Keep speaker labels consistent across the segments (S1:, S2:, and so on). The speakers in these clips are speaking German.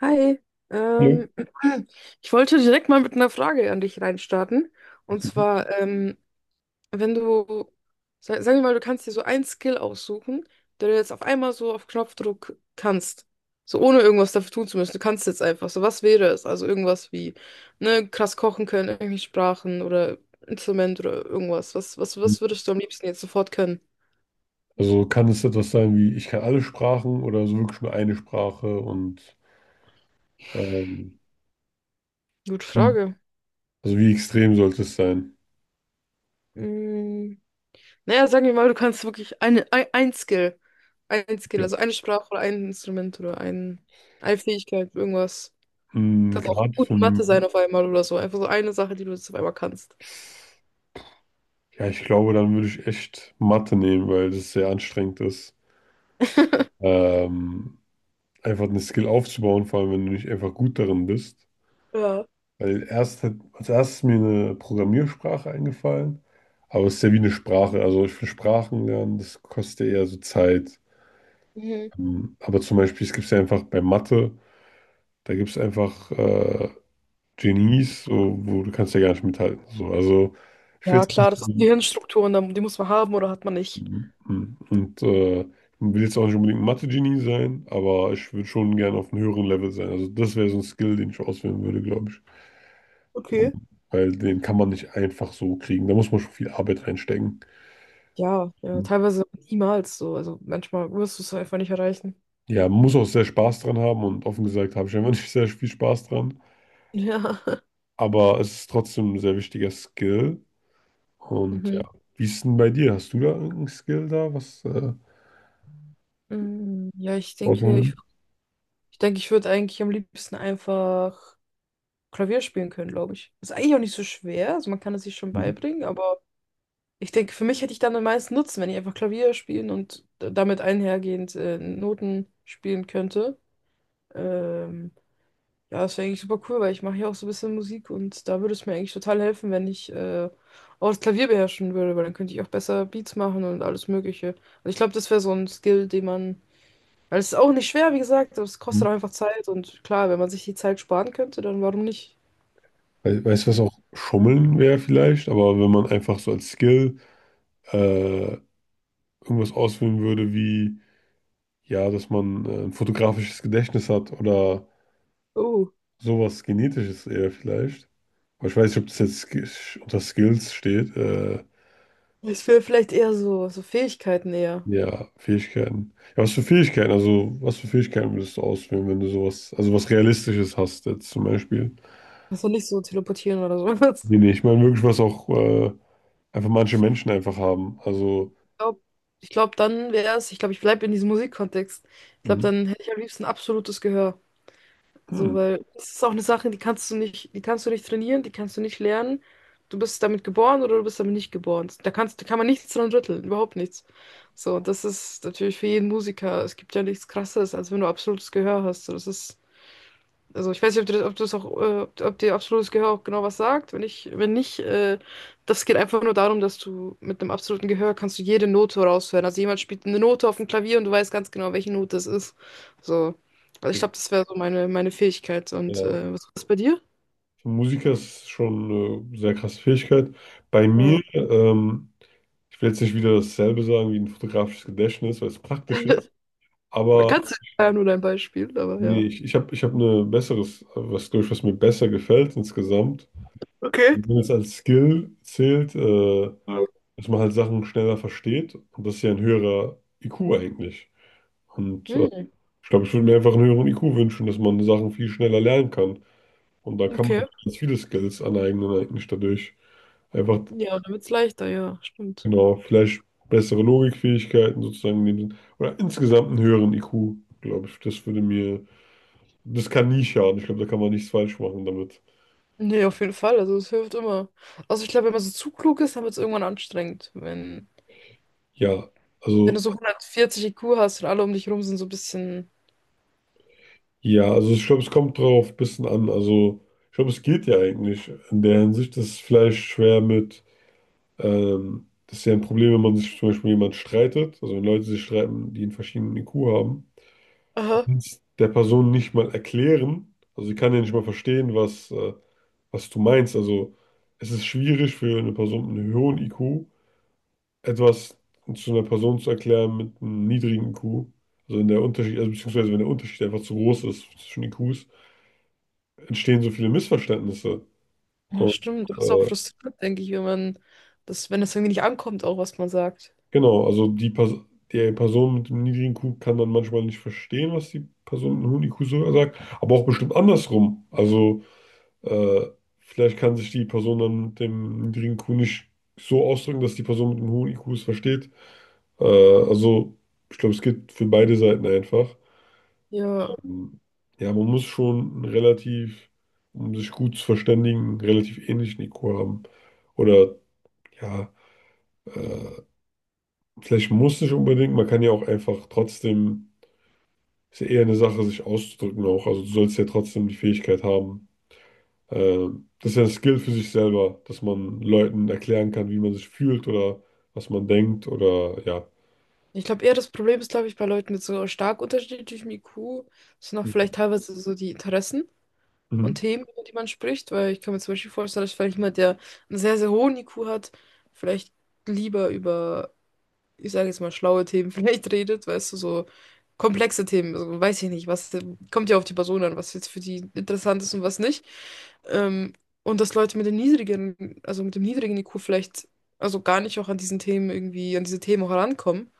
S1: Hi,
S2: Nö.
S1: ähm, ich wollte direkt mal mit einer Frage an dich reinstarten. Und zwar, wenn du, sagen wir mal, du kannst dir so einen Skill aussuchen, den du jetzt auf einmal so auf Knopfdruck kannst, so ohne irgendwas dafür tun zu müssen. Du kannst jetzt einfach. So, was wäre es? Also irgendwas wie, ne, krass kochen können, irgendwelche Sprachen oder Instrument oder irgendwas. Was würdest du am liebsten jetzt sofort können?
S2: Also kann es etwas sein wie, ich kann alle Sprachen oder so wirklich nur eine Sprache und ähm,
S1: Gute
S2: Mhm.
S1: Frage.
S2: also wie extrem sollte es sein?
S1: Naja, sagen wir mal, du kannst wirklich ein Skill. Ein Skill,
S2: Ja.
S1: also eine Sprache oder ein Instrument oder eine Fähigkeit, irgendwas.
S2: Hm,
S1: Kannst
S2: gerade
S1: auch gut
S2: für,
S1: in Mathe sein
S2: m-
S1: auf einmal oder so. Einfach so eine Sache, die du jetzt auf einmal kannst.
S2: ja, ich glaube, dann würde ich echt Mathe nehmen, weil das sehr anstrengend ist. Ähm, Einfach eine Skill aufzubauen, vor allem wenn du nicht einfach gut darin bist.
S1: Ja.
S2: Als erstes ist mir eine Programmiersprache eingefallen, aber es ist ja wie eine Sprache. Also ich finde Sprachen lernen, das kostet ja eher so Zeit.
S1: Mhm.
S2: Aber zum Beispiel, es gibt ja einfach bei Mathe da gibt es einfach Genies, so, wo du kannst ja gar nicht mithalten. So. Also ich will
S1: Ja,
S2: jetzt
S1: klar,
S2: nicht,
S1: das sind Gehirnstrukturen, die muss man haben oder hat man nicht.
S2: und Will jetzt auch nicht unbedingt ein Mathe-Genie sein, aber ich würde schon gerne auf einem höheren Level sein. Also das wäre so ein Skill, den ich auswählen würde, glaube ich. Ähm,
S1: Okay.
S2: Weil den kann man nicht einfach so kriegen. Da muss man schon viel Arbeit reinstecken.
S1: Ja, ja, teilweise niemals so. Also manchmal wirst du es einfach nicht erreichen.
S2: Ja, man muss auch sehr Spaß dran haben und offen gesagt habe ich einfach nicht sehr viel Spaß dran.
S1: Ja.
S2: Aber es ist trotzdem ein sehr wichtiger Skill. Und ja,
S1: Mhm.
S2: wie ist denn bei dir? Hast du da irgendeinen Skill da, was
S1: Mhm. Ja, ich denke,
S2: rausholen
S1: ich, ich denke, ich würde eigentlich am liebsten einfach Klavier spielen können, glaube ich. Ist eigentlich auch nicht so schwer, also man kann es sich schon
S2: würdest?
S1: beibringen, aber ich denke, für mich hätte ich dann den meisten Nutzen, wenn ich einfach Klavier spielen und damit einhergehend Noten spielen könnte. Ähm, ja, das wäre eigentlich super cool, weil ich mache ja auch so ein bisschen Musik und da würde es mir eigentlich total helfen, wenn ich auch das Klavier beherrschen würde, weil dann könnte ich auch besser Beats machen und alles Mögliche. Also ich glaube, das wäre so ein Skill, den man. Weil es ist auch nicht schwer, wie gesagt, aber es kostet
S2: Mhm.
S1: auch einfach Zeit und klar, wenn man sich die Zeit sparen könnte, dann warum nicht?
S2: Weißt du, was auch Schummeln wäre vielleicht, aber wenn man einfach so als Skill äh, irgendwas auswählen würde, wie ja, dass man ein fotografisches Gedächtnis hat oder
S1: Oh.
S2: sowas Genetisches eher vielleicht. Aber ich weiß nicht, ob das jetzt unter Skills steht.
S1: Ich will vielleicht eher so, so Fähigkeiten eher.
S2: Ja, Fähigkeiten. Ja, was für Fähigkeiten? Also, was für Fähigkeiten würdest du auswählen, wenn du sowas, also was Realistisches hast, jetzt zum Beispiel?
S1: Also nicht so teleportieren oder so.
S2: Nee, nee, ich meine wirklich, was auch einfach manche Menschen einfach haben. Also,
S1: Ich glaube, ich glaub, dann wäre es, ich glaube, ich bleibe in diesem Musikkontext. Ich glaube,
S2: hm,
S1: dann hätte ich am liebsten absolutes Gehör. So,
S2: hm,
S1: weil das ist auch eine Sache, die kannst du nicht trainieren, die kannst du nicht lernen. Du bist damit geboren oder du bist damit nicht geboren. Da kann man nichts dran rütteln, überhaupt nichts. So, und das ist natürlich für jeden Musiker. Es gibt ja nichts Krasseres, als wenn du absolutes Gehör hast. So, das ist. Also ich weiß nicht, ob du das auch, ob dir absolutes Gehör auch genau was sagt. Wenn nicht, das geht einfach nur darum, dass du mit einem absoluten Gehör kannst du jede Note raushören. Also jemand spielt eine Note auf dem Klavier und du weißt ganz genau, welche Note es ist. So. Also ich
S2: ja,
S1: glaube, das wäre so meine Fähigkeit. Und
S2: ja.
S1: was ist bei dir?
S2: Für Musiker ist es schon eine sehr krasse Fähigkeit. Bei mir,
S1: Ja.
S2: ich will jetzt nicht wieder dasselbe sagen wie ein fotografisches Gedächtnis, weil es praktisch ist, aber
S1: Kannst du ja nur dein Beispiel, aber
S2: nee,
S1: ja.
S2: ich hab eine besseres, was glaube ich, was mir besser gefällt insgesamt.
S1: Okay.
S2: Und wenn es als Skill zählt,
S1: Ja.
S2: dass man halt Sachen schneller versteht und das ist ja ein höherer IQ eigentlich. Und äh,
S1: Hm,
S2: Ich glaube, ich würde mir einfach einen höheren IQ wünschen, dass man Sachen viel schneller lernen kann. Und da kann man
S1: okay.
S2: ganz viele Skills aneignen, eigentlich dadurch. Einfach,
S1: Ja, dann wird's leichter, ja, stimmt.
S2: genau, vielleicht bessere Logikfähigkeiten sozusagen in dem Sinn. Oder insgesamt einen höheren IQ, glaube ich. Das würde mir, das kann nie schaden. Ich glaube, da kann man nichts falsch machen damit.
S1: Nee, auf jeden Fall. Also es hilft immer. Also ich glaube, wenn man so zu klug ist, dann wird es irgendwann anstrengend. Wenn
S2: Ja,
S1: Wenn du
S2: also,
S1: so 140 IQ hast und alle um dich rum sind so ein bisschen,
S2: ja, also ich glaube, es kommt drauf ein bisschen an. Also, ich glaube, es geht ja eigentlich in der Hinsicht, dass es vielleicht schwer mit das ist ja ein Problem, wenn man sich zum Beispiel jemand streitet, also wenn Leute sich streiten, die einen verschiedenen IQ haben, du
S1: aha,
S2: kannst der Person nicht mal erklären, also sie kann ja nicht mal verstehen, was, was du meinst. Also es ist schwierig für eine Person mit einem hohen IQ etwas zu einer Person zu erklären mit einem niedrigen IQ. Also wenn der Unterschied, also beziehungsweise wenn der Unterschied einfach zu groß ist zwischen IQs, entstehen so viele Missverständnisse.
S1: ja
S2: Und
S1: stimmt, das ist auch
S2: äh,
S1: frustrierend, denke ich, wenn man wenn das irgendwie nicht ankommt, auch was man sagt.
S2: Genau, also die Person mit dem niedrigen IQ kann dann manchmal nicht verstehen, was die Person mit einem hohen IQ so sagt, aber auch bestimmt andersrum. Also äh, vielleicht kann sich die Person dann mit dem niedrigen IQ nicht so ausdrücken, dass die Person mit dem hohen IQ es versteht. Also ich glaube, es geht für beide Seiten einfach.
S1: Ja.
S2: Ähm, Ja, man muss schon einen relativ, um sich gut zu verständigen, einen relativ ähnlichen IQ haben. Oder ja, äh, Vielleicht muss nicht unbedingt, man kann ja auch einfach trotzdem ist ja eher eine Sache, sich auszudrücken auch. Also du sollst ja trotzdem die Fähigkeit haben. Das ist ja ein Skill für sich selber, dass man Leuten erklären kann, wie man sich fühlt oder was man denkt oder ja.
S1: Ich glaube eher, das Problem ist, glaube ich, bei Leuten mit so stark unterschiedlichem IQ sind auch vielleicht teilweise so die Interessen und
S2: Mhm.
S1: Themen, über die man spricht, weil ich kann mir zum Beispiel vorstellen, dass vielleicht jemand, der einen sehr, sehr hohen IQ hat, vielleicht lieber über, ich sage jetzt mal, schlaue Themen vielleicht redet, weißt du, so komplexe Themen, also weiß ich nicht, was, kommt ja auf die Person an, was jetzt für die interessant ist und was nicht. Ähm, und dass Leute mit dem niedrigeren, also mit dem niedrigen IQ vielleicht, also gar nicht auch an diesen Themen irgendwie, an diese Themen auch herankommen.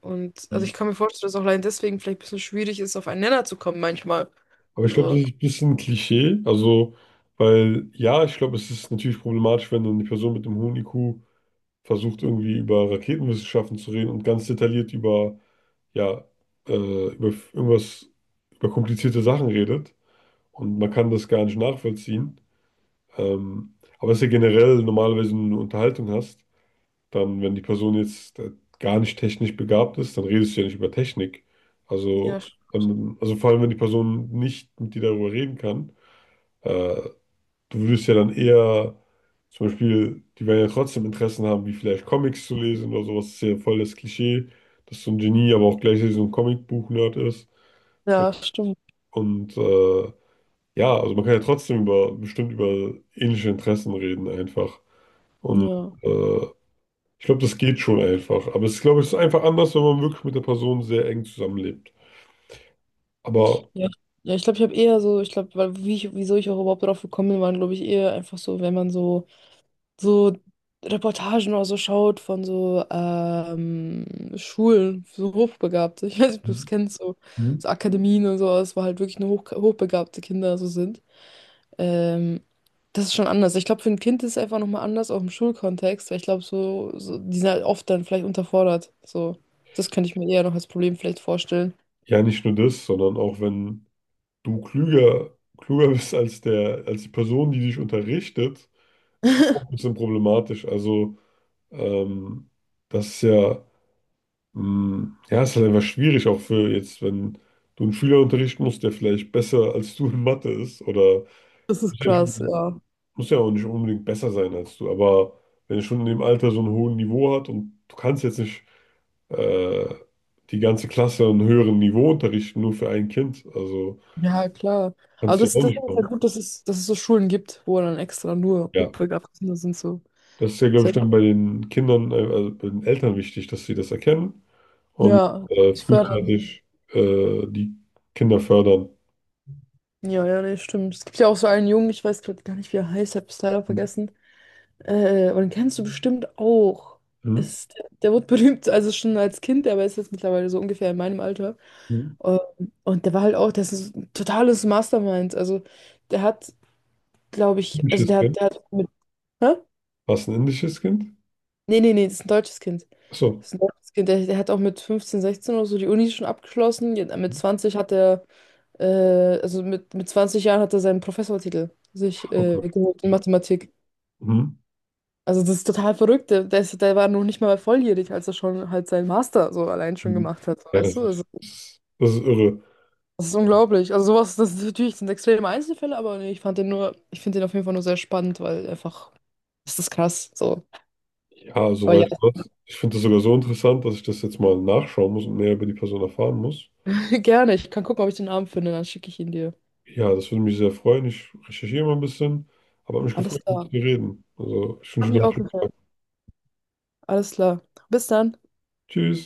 S1: Und also ich kann mir vorstellen, dass auch allein deswegen vielleicht ein bisschen schwierig ist, auf einen Nenner zu kommen manchmal.
S2: Aber ich glaube, das
S1: So,
S2: ist ein bisschen Klischee. Also, weil ja, ich glaube, es ist natürlich problematisch, wenn dann die Person mit dem hohen IQ versucht, irgendwie über Raketenwissenschaften zu reden und ganz detailliert über, ja, irgendwas, über komplizierte Sachen redet und man kann das gar nicht nachvollziehen. Aber dass du generell normalerweise eine Unterhaltung hast, dann, wenn die Person jetzt gar nicht technisch begabt ist, dann redest du ja nicht über Technik.
S1: ja,
S2: Also,
S1: sch-
S2: dann, also vor allem, wenn die Person nicht mit dir darüber reden kann, äh, du würdest ja dann eher, zum Beispiel, die werden ja trotzdem Interessen haben, wie vielleicht Comics zu lesen oder sowas. Das ist ja voll das Klischee, dass so ein Genie aber auch gleichzeitig so ein Comicbuch-Nerd ist. So,
S1: ja, stimmt.
S2: und äh, ja, also man kann ja trotzdem über, bestimmt über ähnliche Interessen reden einfach. Und
S1: Ja.
S2: äh, Ich glaube, das geht schon einfach. Aber es ist, glaube ich, es ist einfach anders, wenn man wirklich mit der Person sehr eng zusammenlebt. Aber
S1: Ja, ich- ja ich glaube, ich habe eher so, ich glaube, wieso ich auch überhaupt drauf gekommen bin, waren, glaube ich, eher einfach so, wenn man so, so Reportagen oder so schaut von so Schulen, so Hochbegabte. Ich weiß nicht, ob du es kennst, so,
S2: Mhm.
S1: so Akademien und sowas, wo halt wirklich nur hochbegabte Kinder so sind. Ähm, das ist schon anders. Ich glaube, für ein Kind ist es einfach nochmal anders, auch im Schulkontext, weil ich glaube, die sind halt oft dann vielleicht unterfordert. So, das könnte ich mir eher noch als Problem vielleicht vorstellen.
S2: Ja, nicht nur das, sondern auch wenn du klüger bist als als die Person, die dich unterrichtet, ist es auch ein bisschen problematisch. Ähm, Das ist ja, ja, ist halt einfach schwierig, auch für jetzt, wenn du einen Schüler unterrichten musst, der vielleicht besser als du in Mathe ist oder
S1: Das ist krass, ja.
S2: muss ja auch nicht unbedingt besser sein als du, aber wenn er schon in dem Alter so ein hohes Niveau hat und du kannst jetzt nicht äh, die ganze Klasse an einem höheren Niveau unterrichten, nur für ein Kind, also
S1: Ja, klar. Aber
S2: kannst du ja
S1: das,
S2: auch
S1: das
S2: nicht
S1: ist halt
S2: machen.
S1: gut, dass dass es so Schulen gibt, wo dann extra nur
S2: Ja,
S1: hochbegabte Kinder sind, so.
S2: das ist ja, glaube ich, dann bei den Kindern, also bei den Eltern wichtig, dass sie das erkennen und
S1: Ja, ich fördern.
S2: frühzeitig die Kinder fördern.
S1: Ja, ja, nee, stimmt. Es gibt ja auch so einen Jungen, ich weiß gerade gar nicht, wie er heißt, hab es leider vergessen. Aber den kennst du bestimmt auch.
S2: Mhm.
S1: Der wurde berühmt, also schon als Kind, aber ist jetzt mittlerweile so ungefähr in meinem Alter.
S2: Mhm.
S1: Ähm, Und der war halt auch, das ist ein totales Mastermind. Also der hat, glaube ich,
S2: Indisches Kind?
S1: der hat mit, hä?
S2: Was, ein indisches Kind?
S1: Nee, nee, nee, das ist ein deutsches Kind.
S2: Achso.
S1: Das ist ein deutsches Kind. Der hat auch mit 15, 16 oder so die Uni schon abgeschlossen. Ja, mit 20 hat er. Mit 20 Jahren hat er seinen Professortitel sich
S2: Okay.
S1: geholt in Mathematik.
S2: Mhm.
S1: Also das ist total verrückt. Der war noch nicht mal volljährig, als er schon halt seinen Master so allein schon
S2: Mhm.
S1: gemacht hat.
S2: Ja, das
S1: Weißt du?
S2: ist,
S1: Also,
S2: das ist, das ist irre.
S1: das ist unglaublich. Also sowas, das ist natürlich sind extreme Einzelfälle, aber nee, ich finde den auf jeden Fall nur sehr spannend, weil einfach, das ist krass. So.
S2: Ja,
S1: Aber ja,
S2: soweit was. Ich finde das sogar so interessant, dass ich das jetzt mal nachschauen muss und mehr über die Person erfahren muss.
S1: gerne. Ich kann gucken, ob ich den Abend finde, dann schicke ich ihn dir.
S2: Ja, das würde mich sehr freuen. Ich recherchiere mal ein bisschen, aber hat mich
S1: Alles
S2: gefreut, mit
S1: klar.
S2: dir zu reden. Also, ich wünsche
S1: Hat
S2: dir noch
S1: mich
S2: einen
S1: auch
S2: schönen
S1: gefallen.
S2: Tag.
S1: Alles klar. Bis dann.
S2: Tschüss.